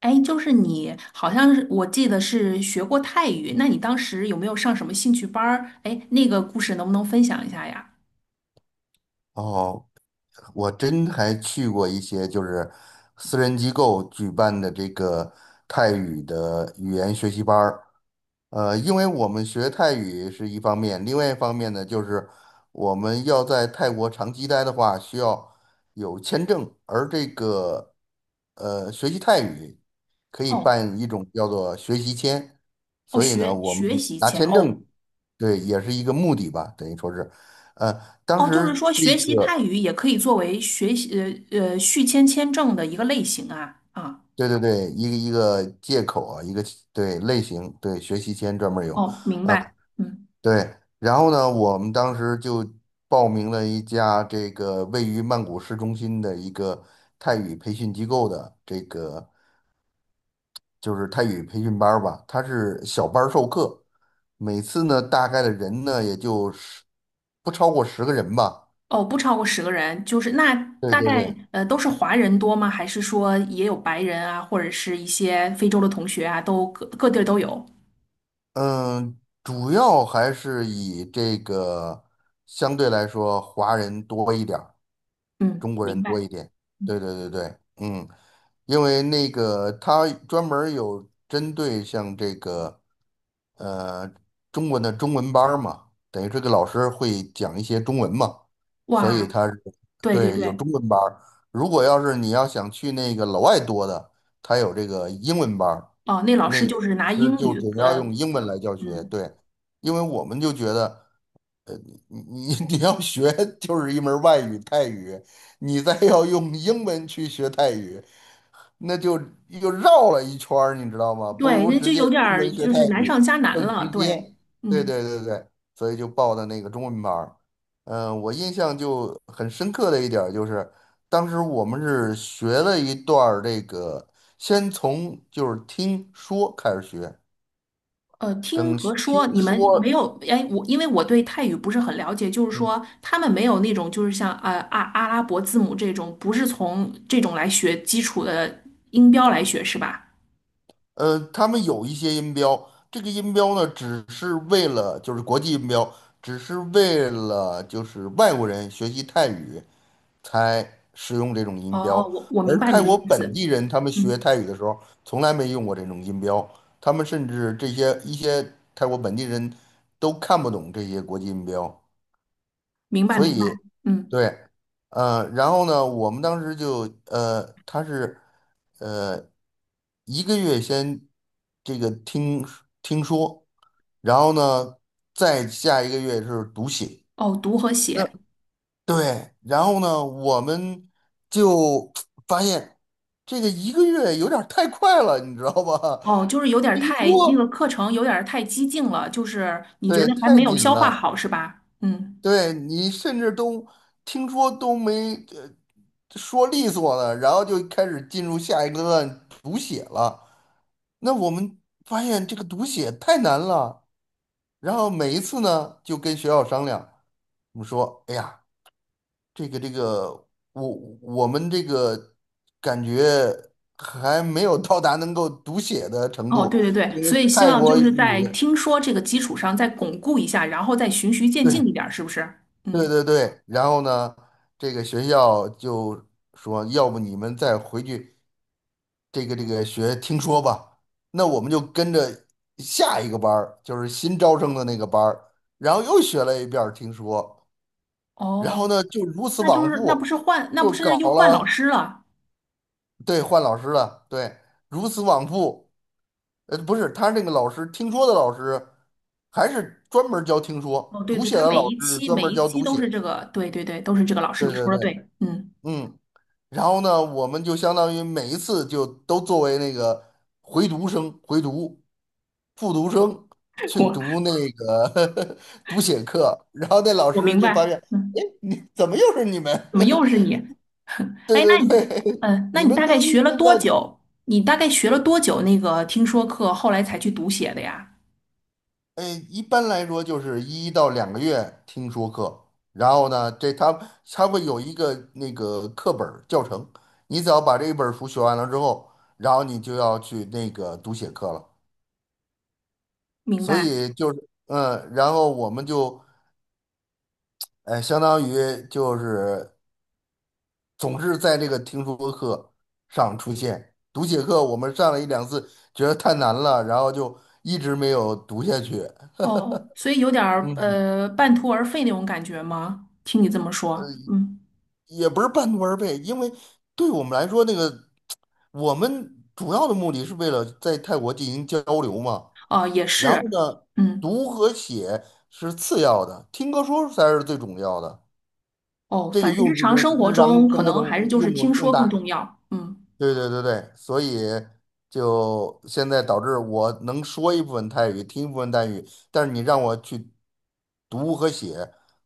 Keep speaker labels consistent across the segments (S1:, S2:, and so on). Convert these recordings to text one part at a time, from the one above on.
S1: 哎，就是你，好像是我记得是学过泰语，那你当时有没有上什么兴趣班儿？哎，那个故事能不能分享一下呀？
S2: 哦，我真还去过一些就是私人机构举办的这个泰语的语言学习班儿。因为我们学泰语是一方面，另外一方面呢，就是我们要在泰国长期待的话，需要有签证，而这个学习泰语可以
S1: 哦
S2: 办一种叫做学习签，
S1: 哦，
S2: 所以呢，
S1: 学
S2: 我们
S1: 学习
S2: 拿
S1: 签
S2: 签
S1: 哦
S2: 证，对，也是一个目的吧，等于说是，呃，当
S1: 哦，就是
S2: 时
S1: 说
S2: 这
S1: 学习泰
S2: 个。
S1: 语也可以作为学习续签签证的一个类型啊啊。
S2: 对对对，一个借口啊，一个对类型，对学习签专门有。
S1: 哦，明白，嗯。
S2: 对，然后呢，我们当时就报名了一家这个位于曼谷市中心的一个泰语培训机构的这个就是泰语培训班儿吧，它是小班儿授课，每次呢大概的人呢也就不超过10个人吧。
S1: 哦，不超过十个人，就是那
S2: 对
S1: 大
S2: 对
S1: 概
S2: 对，
S1: 都是华人多吗？还是说也有白人啊，或者是一些非洲的同学啊，都各地儿都有？
S2: 嗯，主要还是以这个相对来说华人多一点。
S1: 嗯，
S2: 中国
S1: 明
S2: 人多
S1: 白。
S2: 一点。对对对对，嗯，因为那个他专门儿有针对像这个呃中文的中文班儿嘛，等于这个老师会讲一些中文嘛，所以
S1: 哇，
S2: 他是
S1: 对对
S2: 对有
S1: 对。
S2: 中文班儿。如果要是你要想去那个老外多的，他有这个英文班儿，
S1: 哦，那老
S2: 那
S1: 师
S2: 个
S1: 就是拿
S2: 其实
S1: 英
S2: 就
S1: 语，
S2: 主要用英文来教学。
S1: 嗯，
S2: 对，因为我们就觉得。呃你你 你要学就是一门儿外语泰语，你再要用英文去学泰语，那就又绕了一圈儿，你知道吗？不
S1: 对，
S2: 如
S1: 那
S2: 直
S1: 就
S2: 接
S1: 有点
S2: 中
S1: 儿
S2: 文学
S1: 就
S2: 泰
S1: 是难
S2: 语
S1: 上加难
S2: 更
S1: 了，
S2: 直接。
S1: 对，
S2: 对
S1: 嗯。
S2: 对对对，所以就报的那个中文班儿。嗯、我印象就很深刻的一点儿就是，当时我们是学了一段儿这个，先从就是听说开始学，
S1: 听
S2: 等
S1: 和
S2: 听
S1: 说你们没
S2: 说。
S1: 有，哎，我因为我对泰语不是很了解，就是说他们没有那种就是像阿拉伯字母这种，不是从这种来学基础的音标来学是吧？
S2: 他们有一些音标，这个音标呢，只是为了就是国际音标，只是为了就是外国人学习泰语才使用这种音标，
S1: 哦，我明
S2: 而
S1: 白
S2: 泰
S1: 你的
S2: 国
S1: 意
S2: 本
S1: 思，
S2: 地人他们学
S1: 嗯，
S2: 泰语的时候从来没用过这种音标，他们甚至这些一些泰国本地人都看不懂这些国际音标。
S1: 明白
S2: 所
S1: 明白，
S2: 以，
S1: 嗯。
S2: 对，然后呢，我们当时就他是呃一个月先这个听说，然后呢，再下一个月是读写。
S1: 哦，读和
S2: 那
S1: 写。
S2: 对，然后呢，我们就 发现这个一个月有点儿太快了，你知道吧？
S1: 哦，就是 有点儿
S2: 听
S1: 太，那个
S2: 说，
S1: 课程有点儿太激进了，就是你觉
S2: 对，
S1: 得还
S2: 太
S1: 没有
S2: 紧
S1: 消化
S2: 了。
S1: 好是吧？嗯。
S2: 对你甚至都听说都没说利索了，然后就开始进入下一个段读写了。那我们发现这个读写太难了，然后每一次呢就跟学校商量，我们说，哎呀，这个，我我们这个感觉还没有到达能够读写的程
S1: 哦，
S2: 度，
S1: 对对
S2: 因
S1: 对，所
S2: 为
S1: 以希
S2: 泰
S1: 望
S2: 国
S1: 就是
S2: 语。
S1: 在听说这个基础上再巩固一下，然后再循序渐进
S2: 对。
S1: 一点儿，是不是？
S2: 对
S1: 嗯。
S2: 对对，然后呢，这个学校就说，要不你们再回去这个学听说吧。那我们就跟着下一个班儿，就是新招生的那个班儿，然后又学了一遍儿听说，然后
S1: 哦，
S2: 呢，就如此
S1: 那就
S2: 往
S1: 是那不
S2: 复，
S1: 是换，那不
S2: 就
S1: 是
S2: 搞
S1: 又换老
S2: 了，
S1: 师了？
S2: 对，换老师了，对，如此往复。不是，他那个老师听说的老师，还是专门儿教听
S1: 哦，
S2: 说，
S1: 对
S2: 读
S1: 对，
S2: 写
S1: 他
S2: 的
S1: 每
S2: 老
S1: 一
S2: 师是
S1: 期
S2: 专
S1: 每
S2: 门儿
S1: 一
S2: 教
S1: 期
S2: 读
S1: 都是
S2: 写。
S1: 这个，对对对，都是这个老师，
S2: 对
S1: 你
S2: 对
S1: 说的
S2: 对，
S1: 对，嗯。
S2: 嗯。然后呢，我们就相当于每一次就都作为那个回读生、回读、复读生 去
S1: 我
S2: 读那个 读写课，然后那老
S1: 我
S2: 师
S1: 明
S2: 就发
S1: 白。
S2: 现，哎，
S1: 嗯。
S2: 你怎么又是你们？
S1: 怎么又是你？
S2: 对
S1: 哎，那
S2: 对
S1: 你，
S2: 对，
S1: 嗯，那
S2: 你
S1: 你
S2: 们
S1: 大概
S2: 都已
S1: 学了
S2: 经
S1: 多
S2: 在读，
S1: 久？你大概学了多久那个听说课，后来才去读写的呀？
S2: 哎，一般来说就是1到2个月听说课，然后呢，这他会有一个那个课本儿教程，你只要把这一本儿书学完了之后，然后你就要去那个读写课了。
S1: 明
S2: 所
S1: 白。
S2: 以就是，嗯，然后我们就，相当于就是，总是在这个听说课上出现。读写课我们上了一两次，觉得太难了，然后就一直没有读下去。
S1: 哦，所以有点儿
S2: 嗯，
S1: 半途而废那种感觉吗？听你这么说，嗯。
S2: 也不是半途而废，因为对我们来说，那个我们主要的目的是为了在泰国进行交流嘛。
S1: 哦，也
S2: 然后
S1: 是，
S2: 呢，
S1: 嗯。
S2: 读和写是次要的，听和说才是最重要的。
S1: 哦，
S2: 这个
S1: 反正日
S2: 用处
S1: 常
S2: 是
S1: 生活
S2: 日常
S1: 中可
S2: 生活
S1: 能
S2: 中
S1: 还是就是
S2: 用处
S1: 听
S2: 更
S1: 说更
S2: 大。
S1: 重要，嗯
S2: 对对对对，所以就现在导致我能说一部分泰语，听一部分泰语，但是你让我去读和写，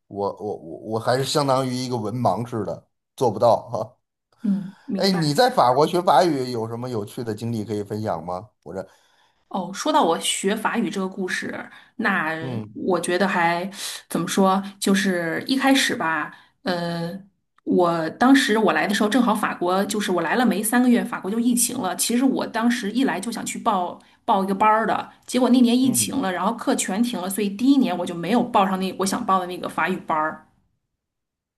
S2: 我还是相当于一个文盲似的，做不到哈。
S1: 嗯，明
S2: 哎，你
S1: 白。
S2: 在法国学法语有什么有趣的经历可以分享吗？我这，
S1: 哦，说到我学法语这个故事，那
S2: 嗯
S1: 我觉得还怎么说，就是一开始吧，呃，我当时我来的时候正好法国就是我来了没3个月，法国就疫情了。其实我当时一来就想去报一个班儿的，结果那年疫
S2: 嗯，
S1: 情了，然后课全停了，所以第一年我就没有报上那我想报的那个法语班儿。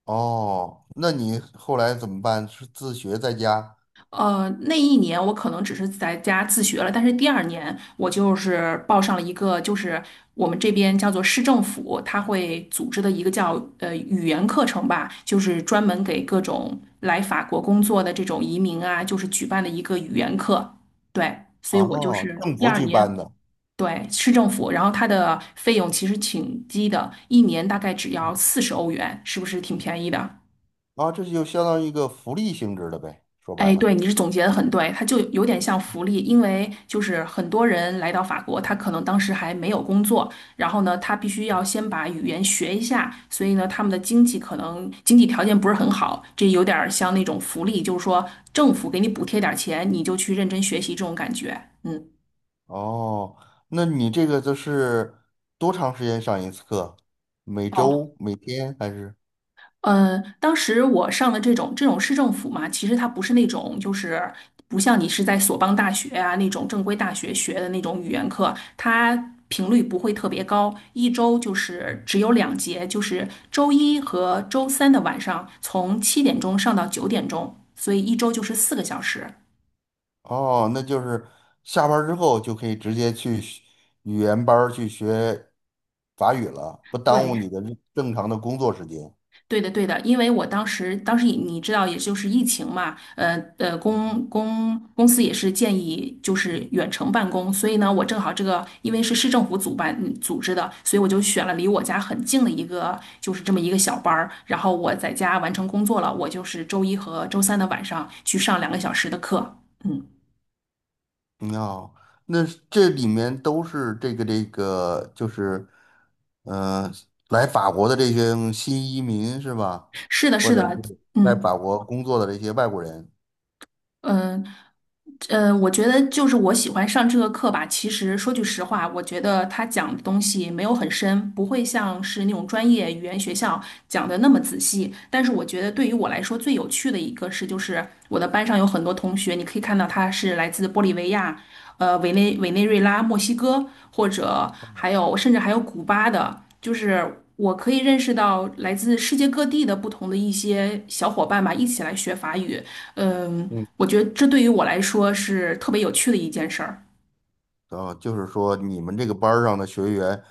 S2: 哦，那你后来怎么办？是自学在家？
S1: 那一年我可能只是在家自学了，但是第二年我就是报上了一个，就是我们这边叫做市政府，它会组织的一个叫语言课程吧，就是专门给各种来法国工作的这种移民啊，就是举办的一个语言课。对，所以我就
S2: 哦，
S1: 是
S2: 政
S1: 第
S2: 府
S1: 二
S2: 举办
S1: 年，
S2: 的。
S1: 对，市政府，然后它的费用其实挺低的，一年大概只要40欧元，是不是挺便宜的？
S2: 啊，这就相当于一个福利性质的呗，说白
S1: 哎，
S2: 了。
S1: 对，你是总结的很对，它就有点像福利，因为就是很多人来到法国，他可能当时还没有工作，然后呢，他必须要先把语言学一下，所以呢，他们的经济可能经济条件不是很好，这有点儿像那种福利，就是说政府给你补贴点儿钱，你就去认真学习这种感觉。嗯。
S2: 哦，那你这个就是多长时间上一次课？每
S1: 哦。
S2: 周、每天还是？
S1: 当时我上的这种市政府嘛，其实它不是那种就是不像你是在索邦大学啊那种正规大学学的那种语言课，它频率不会特别高，一周就是只有两节，就是周一和周三的晚上从7点钟上到9点钟，所以一周就是4个小时。
S2: 哦，那就是下班儿之后就可以直接去学语言班儿去学法语了，不耽误
S1: 对，
S2: 你的正常的工作时间。
S1: 对的，对的，因为我当时，当时你知道，也就是疫情嘛，公司也是建议就是远程办公，所以呢，我正好这个因为是市政府主办组织的，所以我就选了离我家很近的一个，就是这么一个小班儿，然后我在家完成工作了，我就是周一和周三的晚上去上2个小时的课，嗯，
S2: 嗯哦，那是这里面都是这个这个，就是，呃，来法国的这些新移民是吧？
S1: 是的，
S2: 或
S1: 是
S2: 者
S1: 的，
S2: 是在法
S1: 嗯。
S2: 国工作的这些外国人。
S1: 嗯，我觉得就是我喜欢上这个课吧。其实说句实话，我觉得他讲的东西没有很深，不会像是那种专业语言学校讲的那么仔细。但是我觉得对于我来说最有趣的一个是，就是我的班上有很多同学，你可以看到他是来自玻利维亚。委内瑞拉、墨西哥，或者
S2: 哦
S1: 还有甚至还有古巴的，就是我可以认识到来自世界各地的不同的一些小伙伴吧，一起来学法语。嗯，
S2: 嗯，
S1: 我觉得这对于我来说是特别有趣的一件事儿。
S2: 哦，就是说你们这个班儿上的学员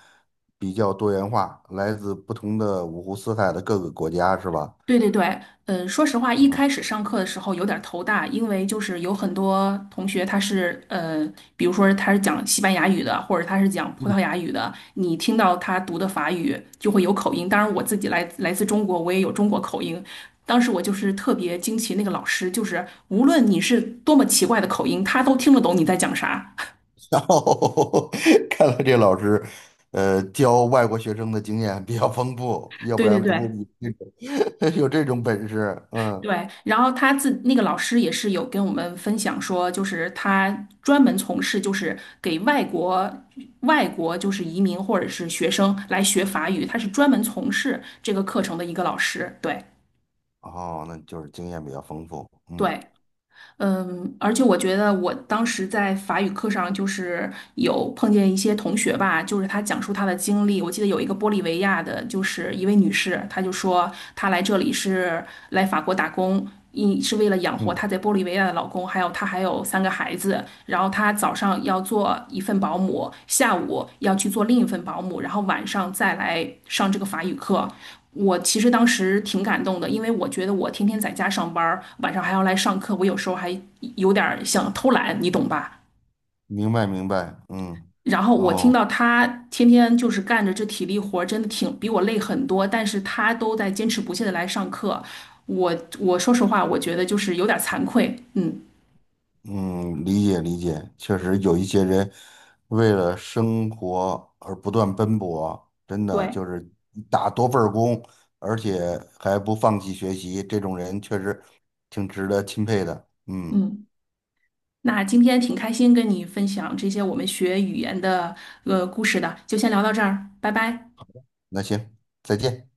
S2: 比较多元化，来自不同的五湖四海的各个国家是吧？
S1: 对对对，嗯，说实话，一
S2: 啊，
S1: 开始上课的时候有点儿头大，因为就是有很多同学他是比如说他是讲西班牙语的，或者他是讲葡萄
S2: 嗯
S1: 牙语的，你听到他读的法语就会有口音。当然，我自己来自中国，我也有中国口音。当时我就是特别惊奇，那个老师就是无论你是多么奇怪的口音，他都听得懂你在讲啥。
S2: 然后 看来这老师，教外国学生的经验比较丰富，要不
S1: 对对
S2: 然不会
S1: 对，
S2: 有这种 有这种本事。嗯，
S1: 对，然后那个老师也是有跟我们分享说，就是他专门从事就是给外国就是移民或者是学生来学法语，他是专门从事这个课程的一个老师。对
S2: 哦，那就是经验比较丰富。嗯
S1: 对，嗯，而且我觉得我当时在法语课上，就是有碰见一些同学吧，就是他讲述他的经历。我记得有一个玻利维亚的，就是一位女士，她就说她来这里是来法国打工，一是为了养活
S2: 嗯，
S1: 她在玻利维亚的老公，还有她还有三个孩子。然后她早上要做一份保姆，下午要去做另一份保姆，然后晚上再来上这个法语课。我其实当时挺感动的，因为我觉得我天天在家上班儿，晚上还要来上课，我有时候还有点儿想偷懒，你懂吧？
S2: 明白明白。嗯，
S1: 然后我听
S2: 哦，
S1: 到他天天就是干着这体力活儿，真的挺比我累很多，但是他都在坚持不懈的来上课，我说实话，我觉得就是有点儿惭愧，嗯，
S2: 嗯，理解理解。确实有一些人为了生活而不断奔波，真的
S1: 对，
S2: 就是打多份儿工，而且还不放弃学习，这种人确实挺值得钦佩的。嗯。
S1: 嗯。那今天挺开心跟你分享这些我们学语言的故事的，就先聊到这儿，拜拜。
S2: 那行，再见。